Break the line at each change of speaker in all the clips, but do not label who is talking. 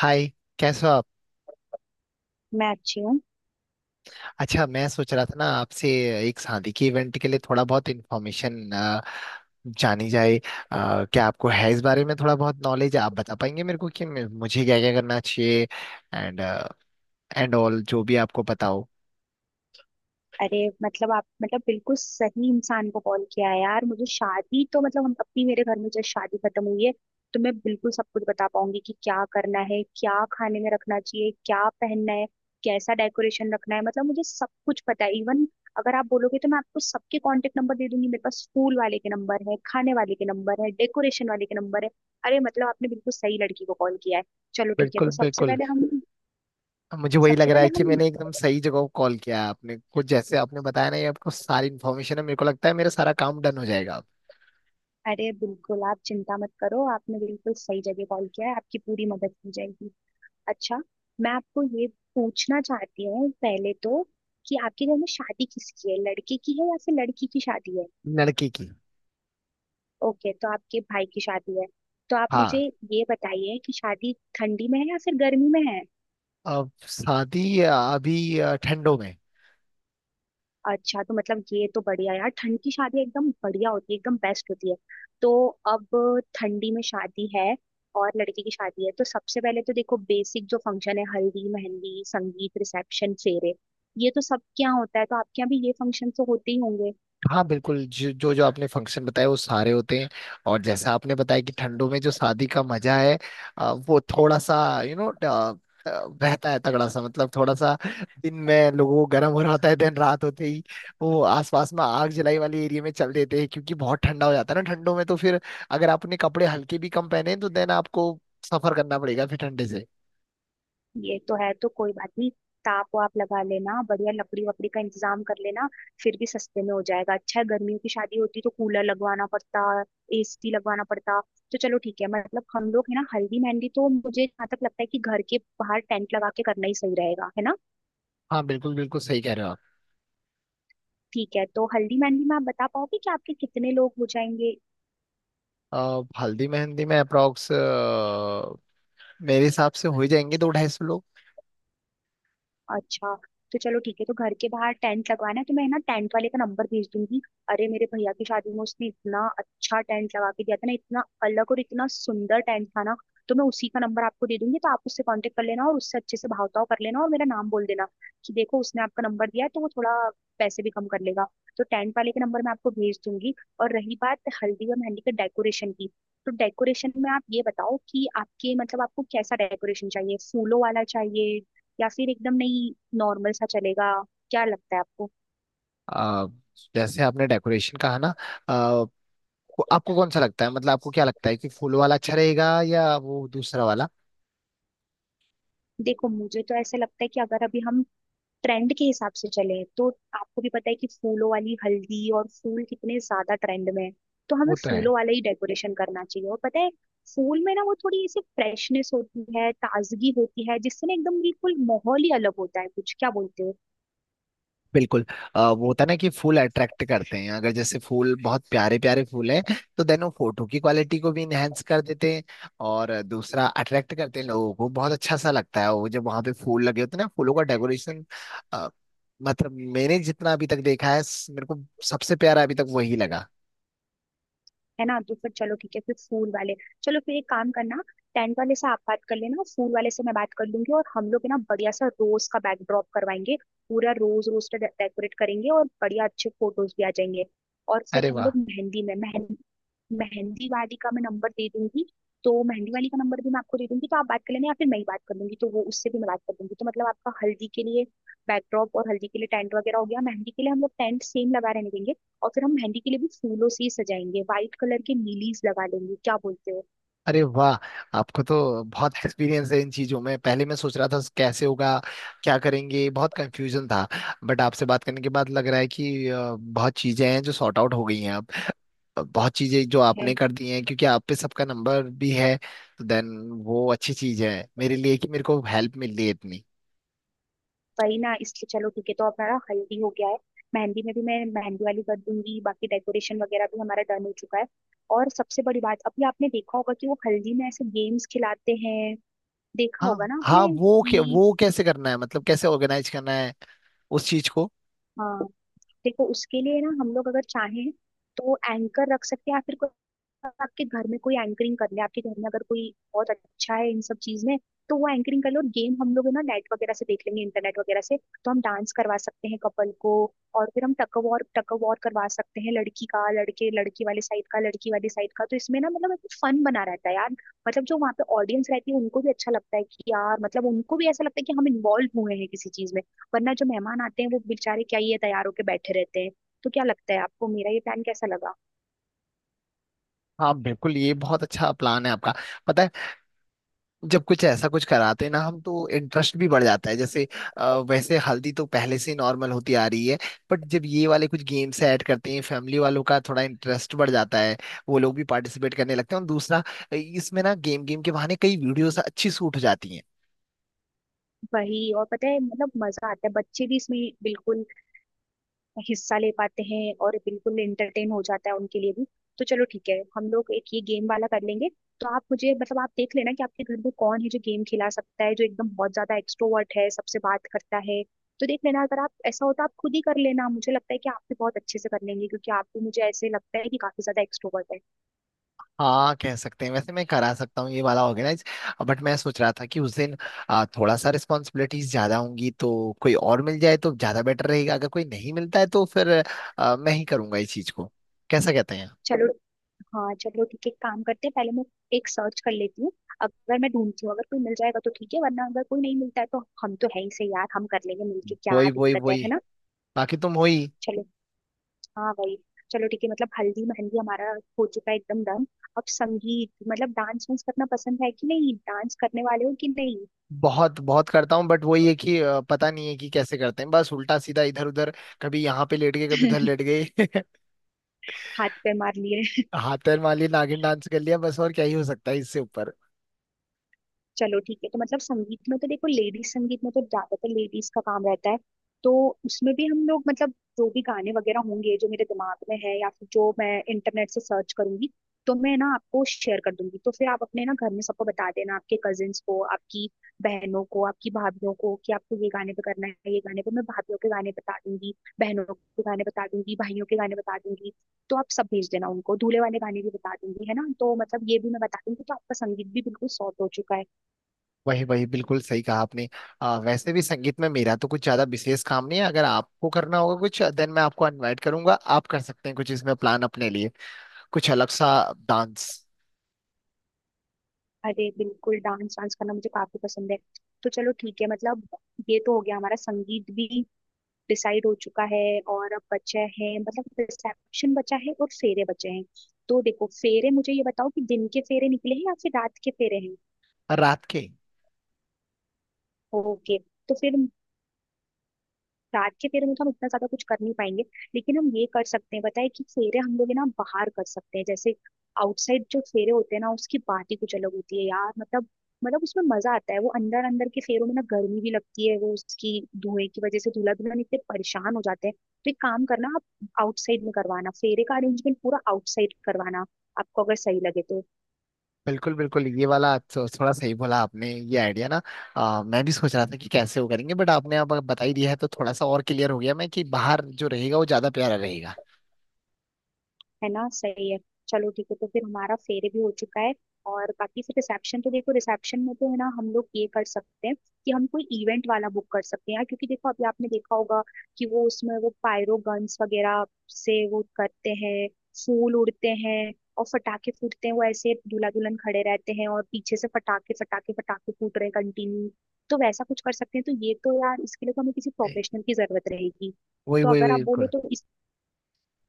हाय। कैसे हो आप।
मैं अच्छी हूँ।
अच्छा, मैं सोच रहा था ना आपसे एक शादी के इवेंट के लिए थोड़ा बहुत इन्फॉर्मेशन जानी जाए, क्या आपको है इस बारे में थोड़ा बहुत नॉलेज। आप बता पाएंगे मेरे को कि मुझे क्या क्या करना चाहिए एंड एंड ऑल जो भी आपको पता हो।
अरे मतलब आप मतलब बिल्कुल सही इंसान को कॉल किया है यार। मुझे शादी तो मतलब हम अपनी मेरे घर में जब शादी खत्म हुई है तो मैं बिल्कुल सब कुछ बता पाऊंगी कि क्या करना है, क्या खाने में रखना चाहिए, क्या पहनना है, कैसा डेकोरेशन रखना है। मतलब मुझे सब कुछ पता है। इवन अगर आप बोलोगे तो मैं आपको सबके कांटेक्ट नंबर दे दूंगी। मेरे पास स्कूल वाले के नंबर है, खाने वाले के नंबर है, डेकोरेशन वाले के नंबर है। अरे मतलब आपने बिल्कुल सही लड़की को कॉल किया है। चलो ठीक है,
बिल्कुल,
तो सबसे
बिल्कुल।
पहले हम
मुझे वही लग
सबसे
रहा है
पहले
कि
हम
मैंने एकदम सही जगह को कॉल किया है। आपने कुछ जैसे आपने बताया ना, ये आपको सारी इन्फॉर्मेशन है। मेरे को लगता है मेरा सारा काम डन हो जाएगा।
अरे बिल्कुल आप चिंता मत करो, आपने बिल्कुल सही जगह कॉल किया है, आपकी पूरी मदद की जाएगी। अच्छा, मैं आपको ये पूछना चाहती हूँ पहले तो कि आपके घर में शादी किसकी है, लड़के की है या फिर लड़की की शादी है?
लड़की की।
ओके, तो आपके भाई की शादी है। तो आप मुझे
हाँ।
ये बताइए कि शादी ठंडी में है या फिर गर्मी में है?
अब शादी अभी ठंडों में।
अच्छा, तो मतलब ये तो बढ़िया यार, ठंड की शादी एकदम बढ़िया होती है, एकदम बेस्ट होती है। तो अब ठंडी में शादी है और लड़की की शादी है, तो सबसे पहले तो देखो, बेसिक जो फंक्शन है हल्दी, मेहंदी, संगीत, रिसेप्शन, फेरे, ये तो सबके यहाँ होता है, तो आपके यहाँ भी ये फंक्शन तो होते ही होंगे।
हाँ, बिल्कुल। जो जो जो आपने फंक्शन बताए वो सारे होते हैं। और जैसा आपने बताया कि ठंडों में जो शादी का मजा है, वो थोड़ा सा यू नो बहता है तगड़ा सा, मतलब थोड़ा सा। दिन में लोगों को गर्म हो रहा होता है, दिन रात होते ही वो आसपास में आग जलाई वाले एरिया में चल देते हैं, क्योंकि बहुत ठंडा हो जाता है ना ठंडों में। तो फिर अगर आपने कपड़े हल्के भी कम पहने हैं, तो देन आपको सफर करना पड़ेगा फिर ठंडे से।
ये तो है, तो कोई बात नहीं। ताप वाप लगा लेना, बढ़िया लकड़ी वकड़ी का इंतजाम कर लेना, फिर भी सस्ते में हो जाएगा। अच्छा है, गर्मियों की शादी होती तो कूलर लगवाना पड़ता, एसी लगवाना पड़ता। तो चलो ठीक है, मतलब हम लोग है ना, हल्दी मेहंदी तो मुझे जहाँ तक लगता है कि घर के बाहर टेंट लगा के करना ही सही रहेगा, है ना।
हाँ, बिल्कुल बिल्कुल सही कह रहे हो आप।
ठीक है, तो हल्दी मेहंदी में आप बता पाओगे कि आपके कितने लोग हो जाएंगे?
हल्दी मेहंदी में अप्रोक्स मेरे हिसाब से हो ही जाएंगे 200-250 लोग।
अच्छा। तो चलो ठीक है, तो घर के बाहर टेंट लगवाना है, तो मैं ना टेंट वाले का नंबर भेज दूंगी। अरे मेरे भैया की शादी में उसने इतना अच्छा टेंट लगा के दिया था ना, इतना अलग और इतना सुंदर टेंट था ना। तो मैं उसी का नंबर आपको दे दूंगी, तो आप उससे कांटेक्ट कर लेना और उससे अच्छे से भाव ताव कर लेना और मेरा नाम बोल देना कि देखो उसने आपका नंबर दिया है, तो वो थोड़ा पैसे भी कम कर लेगा। तो टेंट वाले के नंबर मैं आपको भेज दूंगी। और रही बात हल्दी और मेहंदी के डेकोरेशन की, तो डेकोरेशन में आप ये बताओ कि आपके मतलब आपको कैसा डेकोरेशन चाहिए, फूलों वाला चाहिए या फिर एकदम नहीं, नॉर्मल सा चलेगा? क्या लगता है आपको?
आ, जैसे आपने डेकोरेशन कहा ना, आ, आपको कौन सा लगता है? मतलब आपको क्या लगता है कि फूल वाला अच्छा रहेगा या वो दूसरा वाला?
देखो, मुझे तो ऐसा लगता है कि अगर अभी हम ट्रेंड के हिसाब से चले तो आपको भी पता है कि फूलों वाली हल्दी और फूल कितने ज्यादा ट्रेंड में है, तो हमें
वो तो है।
फूलों वाला ही डेकोरेशन करना चाहिए। और पता है, फूल में ना वो थोड़ी ऐसी फ्रेशनेस होती है, ताजगी होती है, जिससे ना एकदम बिल्कुल माहौल ही अलग होता है कुछ। क्या बोलते हो?
बिल्कुल। वो होता है ना कि फूल अट्रैक्ट करते हैं। अगर जैसे फूल बहुत प्यारे प्यारे फूल हैं, तो देन वो फोटो की क्वालिटी को भी इनहेंस कर देते हैं। और दूसरा, अट्रैक्ट करते हैं लोगों को, बहुत अच्छा सा लगता है वो जब वहां पे फूल लगे होते हैं ना, फूलों का डेकोरेशन। मतलब मैंने जितना अभी तक देखा है, मेरे को सबसे प्यारा अभी तक वही लगा।
है ना, तो फिर चलो ठीक है, फिर फूल वाले। चलो, फिर एक काम करना, टेंट वाले से आप बात कर लेना, फूल वाले से मैं बात कर लूंगी, और हम लोग है ना बढ़िया सा रोज का बैकड्रॉप करवाएंगे, पूरा रोज रोज से डेकोरेट करेंगे और बढ़िया अच्छे फोटोज भी आ जाएंगे। और फिर
अरे
हम
वाह।
लोग मेहंदी में मेहंदी मेहंदी वाली का मैं नंबर दे दूंगी। तो मेहंदी वाली का नंबर भी मैं आपको दे दूंगी, तो आप बात कर लेना या फिर मैं ही बात कर लूंगी, तो वो उससे भी मैं बात कर दूंगी। तो मतलब आपका हल्दी के लिए बैकड्रॉप और हल्दी के लिए टेंट वगैरह हो गया। मेहंदी के लिए हम लोग टेंट सेम लगा रहने देंगे, और फिर हम मेहंदी के लिए भी फूलों से ही सजाएंगे, व्हाइट कलर के नीलीज लगा लेंगे। क्या बोलते हो?
अरे वाह, आपको तो बहुत एक्सपीरियंस है इन चीजों में। पहले मैं सोच रहा था कैसे होगा, क्या करेंगे, बहुत कंफ्यूजन था। बट आपसे बात करने के बाद लग रहा है कि बहुत चीजें हैं जो सॉर्ट आउट हो गई हैं अब। बहुत चीजें जो
है।
आपने कर दी हैं, क्योंकि आप पे सबका नंबर भी है। तो देन वो अच्छी चीज है मेरे लिए कि मेरे को हेल्प मिल रही है इतनी।
वही ना, इसलिए चलो ठीक है, तो हमारा हल्दी हो गया है, मेहंदी में भी मैं मेहंदी वाली कर दूंगी, बाकी डेकोरेशन वगैरह भी हमारा डन हो चुका है। और सबसे बड़ी बात, अभी आपने देखा होगा कि वो हल्दी में ऐसे गेम्स खिलाते हैं, देखा होगा
हाँ,
ना
हाँ।
आपने कि?
वो कैसे करना है? मतलब कैसे ऑर्गेनाइज करना है उस चीज को?
हाँ, देखो उसके लिए ना हम लोग अगर चाहें तो एंकर रख सकते हैं, या फिर कोई आपके घर में कोई एंकरिंग कर ले, आपके घर में अगर कोई बहुत अच्छा है इन सब चीज में, तो वो एंकरिंग कर ले, और गेम हम लोग है ना नेट वगैरह से देख लेंगे, इंटरनेट वगैरह से। तो हम डांस करवा सकते हैं कपल को, और फिर हम टग ऑफ वॉर करवा सकते हैं, लड़की का, लड़के लड़की वाले साइड का, लड़की वाली साइड का। तो इसमें ना मतलब एक फन बना रहता है यार, मतलब जो वहाँ पे ऑडियंस रहती है उनको भी अच्छा लगता है कि यार, मतलब उनको भी ऐसा लगता है कि हम इन्वॉल्व हुए हैं किसी चीज में, वरना जो मेहमान आते हैं वो बेचारे क्या ही है, तैयार होके बैठे रहते हैं। तो क्या लगता है आपको, मेरा ये प्लान कैसा लगा?
हाँ, बिल्कुल, ये बहुत अच्छा प्लान है आपका। पता है, जब कुछ ऐसा कुछ कराते हैं ना हम, तो इंटरेस्ट भी बढ़ जाता है। जैसे वैसे हल्दी तो पहले से नॉर्मल होती आ रही है, बट जब ये वाले कुछ गेम्स ऐड करते हैं, फैमिली वालों का थोड़ा इंटरेस्ट बढ़ जाता है। वो लोग भी पार्टिसिपेट करने लगते हैं। और दूसरा, इसमें ना गेम गेम के बहाने कई वीडियोस अच्छी शूट हो जाती हैं।
वही, और पता है, मतलब मजा आता है, बच्चे भी इसमें बिल्कुल हिस्सा ले पाते हैं और बिल्कुल एंटरटेन हो जाता है उनके लिए भी। तो चलो ठीक है, हम लोग एक ये गेम वाला कर लेंगे। तो आप मुझे मतलब आप देख लेना कि आपके घर में कौन है जो गेम खिला सकता है, जो एकदम बहुत ज्यादा एक्सट्रोवर्ट है, सबसे बात करता है। तो देख लेना, अगर आप ऐसा होता आप खुद ही कर लेना, मुझे लगता है कि आप भी बहुत अच्छे से कर लेंगे, क्योंकि आप भी मुझे ऐसे लगता है कि काफी ज्यादा एक्सट्रोवर्ट है।
हाँ, कह सकते हैं। वैसे मैं करा सकता हूँ ये वाला ऑर्गेनाइज, बट मैं सोच रहा था कि उस दिन थोड़ा सा रिस्पॉन्सिबिलिटीज ज्यादा होंगी, तो कोई और मिल जाए तो ज्यादा बेटर रहेगा। अगर कोई नहीं मिलता है तो फिर मैं ही करूंगा इस चीज को। कैसा कहते हैं?
चलो। हाँ, चलो ठीक है, एक काम करते हैं, पहले मैं एक सर्च कर लेती हूँ, अगर मैं ढूंढती हूँ अगर कोई मिल जाएगा तो ठीक है, वरना अगर कोई नहीं मिलता है तो हम तो है ही, सही यार हम कर लेंगे मिलके, क्या
वही, वही,
दिक्कत है
वही।
ना।
बाकी तुम वही।
चलो। हाँ, वही। चलो ठीक है, मतलब हल्दी मेहंदी हमारा हो चुका है, एकदम डन। अब संगीत, मतलब डांस वांस करना पसंद है कि नहीं, डांस करने वाले हो कि नहीं?
बहुत बहुत करता हूँ, बट वही है कि पता नहीं है कि कैसे करते हैं, बस उल्टा सीधा इधर उधर, कभी यहाँ पे लेट गए कभी उधर लेट गए।
हाथ पे मार लिए।
हाथ पैर मार लिए, नागिन डांस कर लिया, बस। और क्या ही हो सकता है इससे ऊपर?
चलो ठीक है, तो मतलब संगीत में तो देखो, लेडीज संगीत में तो ज्यादातर लेडीज का काम रहता है। तो उसमें भी हम लोग मतलब जो भी गाने वगैरह होंगे जो मेरे दिमाग में है, या फिर जो मैं इंटरनेट से सर्च करूंगी, तो मैं ना आपको शेयर कर दूंगी, तो फिर आप अपने ना घर में सबको बता देना, आपके कजिन्स को, आपकी बहनों को, आपकी भाभीियों को कि आपको ये गाने पे करना है, ये गाने पे। मैं भाभीियों के गाने बता दूंगी, बहनों के गाने बता दूंगी, भाइयों के गाने बता दूंगी। तो आप सब भेज देना उनको, दूल्हे वाले गाने भी बता दूंगी, है ना, तो मतलब ये भी मैं बता दूंगी, तो आपका संगीत भी बिल्कुल सॉर्ट हो चुका है।
वही, वही, बिल्कुल सही कहा आपने। वैसे भी संगीत में मेरा तो कुछ ज्यादा विशेष काम नहीं है। अगर आपको करना होगा कुछ देन मैं आपको इनवाइट करूंगा, आप कर सकते हैं कुछ इसमें प्लान अपने लिए, कुछ अलग सा डांस।
अरे बिल्कुल, डांस डांस करना मुझे काफी पसंद है। तो चलो ठीक है, मतलब ये तो हो गया, हमारा संगीत भी डिसाइड हो चुका है। और अब बचा है मतलब रिसेप्शन बचा है और फेरे बचे हैं। तो देखो फेरे, मुझे ये बताओ कि दिन के फेरे निकले हैं या फिर रात के फेरे हैं?
रात के।
ओके, तो फिर रात के फेरे में तो हम इतना ज्यादा कुछ कर नहीं पाएंगे, लेकिन हम ये कर सकते हैं बताए कि फेरे हम लोग है ना बाहर कर सकते हैं, जैसे आउटसाइड जो फेरे होते हैं ना उसकी बात ही कुछ अलग होती है यार। मतलब, मतलब उसमें मजा आता है, वो अंदर अंदर के फेरों में ना गर्मी भी लगती है, वो उसकी धुएं की वजह से दूल्हा दुल्हन इतने परेशान हो जाते हैं। तो एक काम करना, आप आउटसाइड में करवाना फेरे का अरेंजमेंट, पूरा आउटसाइड करवाना, आपको अगर सही लगे तो।
बिल्कुल, बिल्कुल, ये वाला थोड़ा सही बोला आपने, ये आइडिया ना। मैं भी सोच रहा था कि कैसे वो करेंगे, बट आपने अब बता ही दिया है तो थोड़ा सा और क्लियर हो गया मैं कि बाहर जो रहेगा वो ज्यादा प्यारा रहेगा।
है ना, सही है। चलो ठीक है, तो फिर हमारा फेरे भी हो चुका है। और बाकी फिर रिसेप्शन, तो देखो रिसेप्शन में तो है ना हम लोग ये कर सकते हैं कि हम कोई इवेंट वाला बुक कर सकते हैं यार, क्योंकि देखो अभी आपने देखा होगा कि वो उसमें वो पायरो गन्स वगैरह से वो करते हैं, फूल उड़ते हैं और फटाके फूटते हैं, वो ऐसे दूल्हा दुल्हन खड़े रहते हैं और पीछे से फटाके फटाके फटाके फूट रहे कंटिन्यू। तो वैसा कुछ कर सकते हैं। तो ये तो यार, इसके लिए तो हमें किसी
ए,
प्रोफेशनल की जरूरत रहेगी।
वही,
तो
वही, वही, बिल्कुल।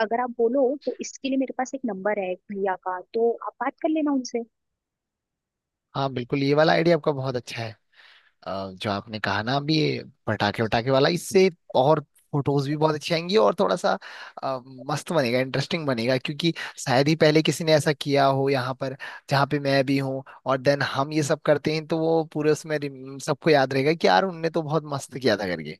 अगर आप बोलो तो इसके लिए मेरे पास एक नंबर है एक भैया का, तो आप बात कर लेना उनसे।
हाँ, बिल्कुल, ये वाला आइडिया आपका बहुत अच्छा है। जो आपने कहा ना अभी, ये पटाखे वटाखे वाला, इससे और फोटोज भी बहुत अच्छी आएंगी, और थोड़ा सा अ, मस्त बनेगा, इंटरेस्टिंग बनेगा, क्योंकि शायद ही पहले किसी ने ऐसा किया हो यहाँ पर जहाँ पे मैं भी हूँ। और देन हम ये सब करते हैं तो वो पूरे उसमें सबको याद रहेगा कि यार उनने तो बहुत मस्त किया था करके।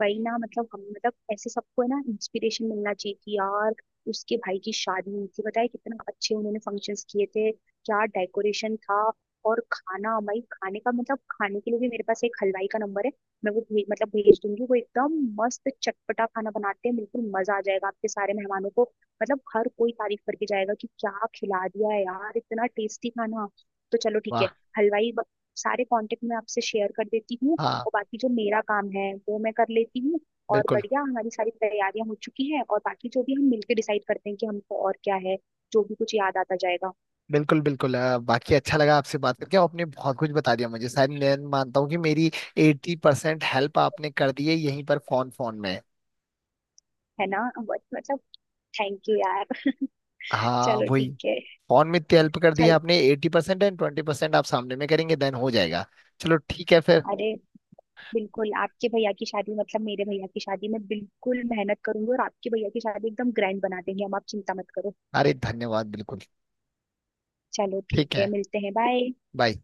वही ना, मतलब हम मतलब ऐसे सबको है ना इंस्पिरेशन मिलना चाहिए कि यार उसके भाई की शादी हुई थी, बताए कितना अच्छे उन्होंने फंक्शंस किए थे, क्या डेकोरेशन था। और खाना, भाई खाने का मतलब खाने के लिए भी मेरे पास एक हलवाई का नंबर है। मैं वो भे, मतलब भेज दूंगी। वो एकदम मस्त चटपटा खाना बनाते हैं, बिल्कुल मजा आ जाएगा आपके सारे मेहमानों को। मतलब हर कोई तारीफ करके जाएगा कि क्या खिला दिया है यार, इतना टेस्टी खाना। तो चलो ठीक है,
वाह।
हलवाई ब- सारे कांटेक्ट मैं आपसे शेयर कर देती हूँ।
हाँ,
और बाकी जो मेरा काम है वो मैं कर लेती हूँ। और
बिल्कुल,
बढ़िया, हमारी सारी तैयारियां हो चुकी हैं, और बाकी जो भी हम मिलके डिसाइड करते हैं कि हमको और क्या है, जो भी कुछ याद आता जाएगा।
बिल्कुल, बिल्कुल। बाकी अच्छा लगा आपसे बात करके, आपने बहुत कुछ बता दिया मुझे। शायद मैं मानता हूँ कि मेरी 80% हेल्प आपने कर दी है यहीं पर फोन फोन में।
है ना। बट मतलब थैंक यू यार।
हाँ,
चलो
वही।
ठीक है।
फोन में इतनी हेल्प कर दी है
चल।
आपने, 80%। एंड 20% आप सामने में करेंगे, देन हो जाएगा। चलो, ठीक है फिर।
अरे बिल्कुल, आपके भैया की शादी मतलब मेरे भैया की शादी में बिल्कुल मेहनत करूंगी, और आपके भैया की शादी एकदम ग्रैंड बना देंगे हम, आप चिंता मत करो।
अरे, धन्यवाद, बिल्कुल।
चलो ठीक
ठीक
है,
है।
मिलते हैं, बाय।
बाय।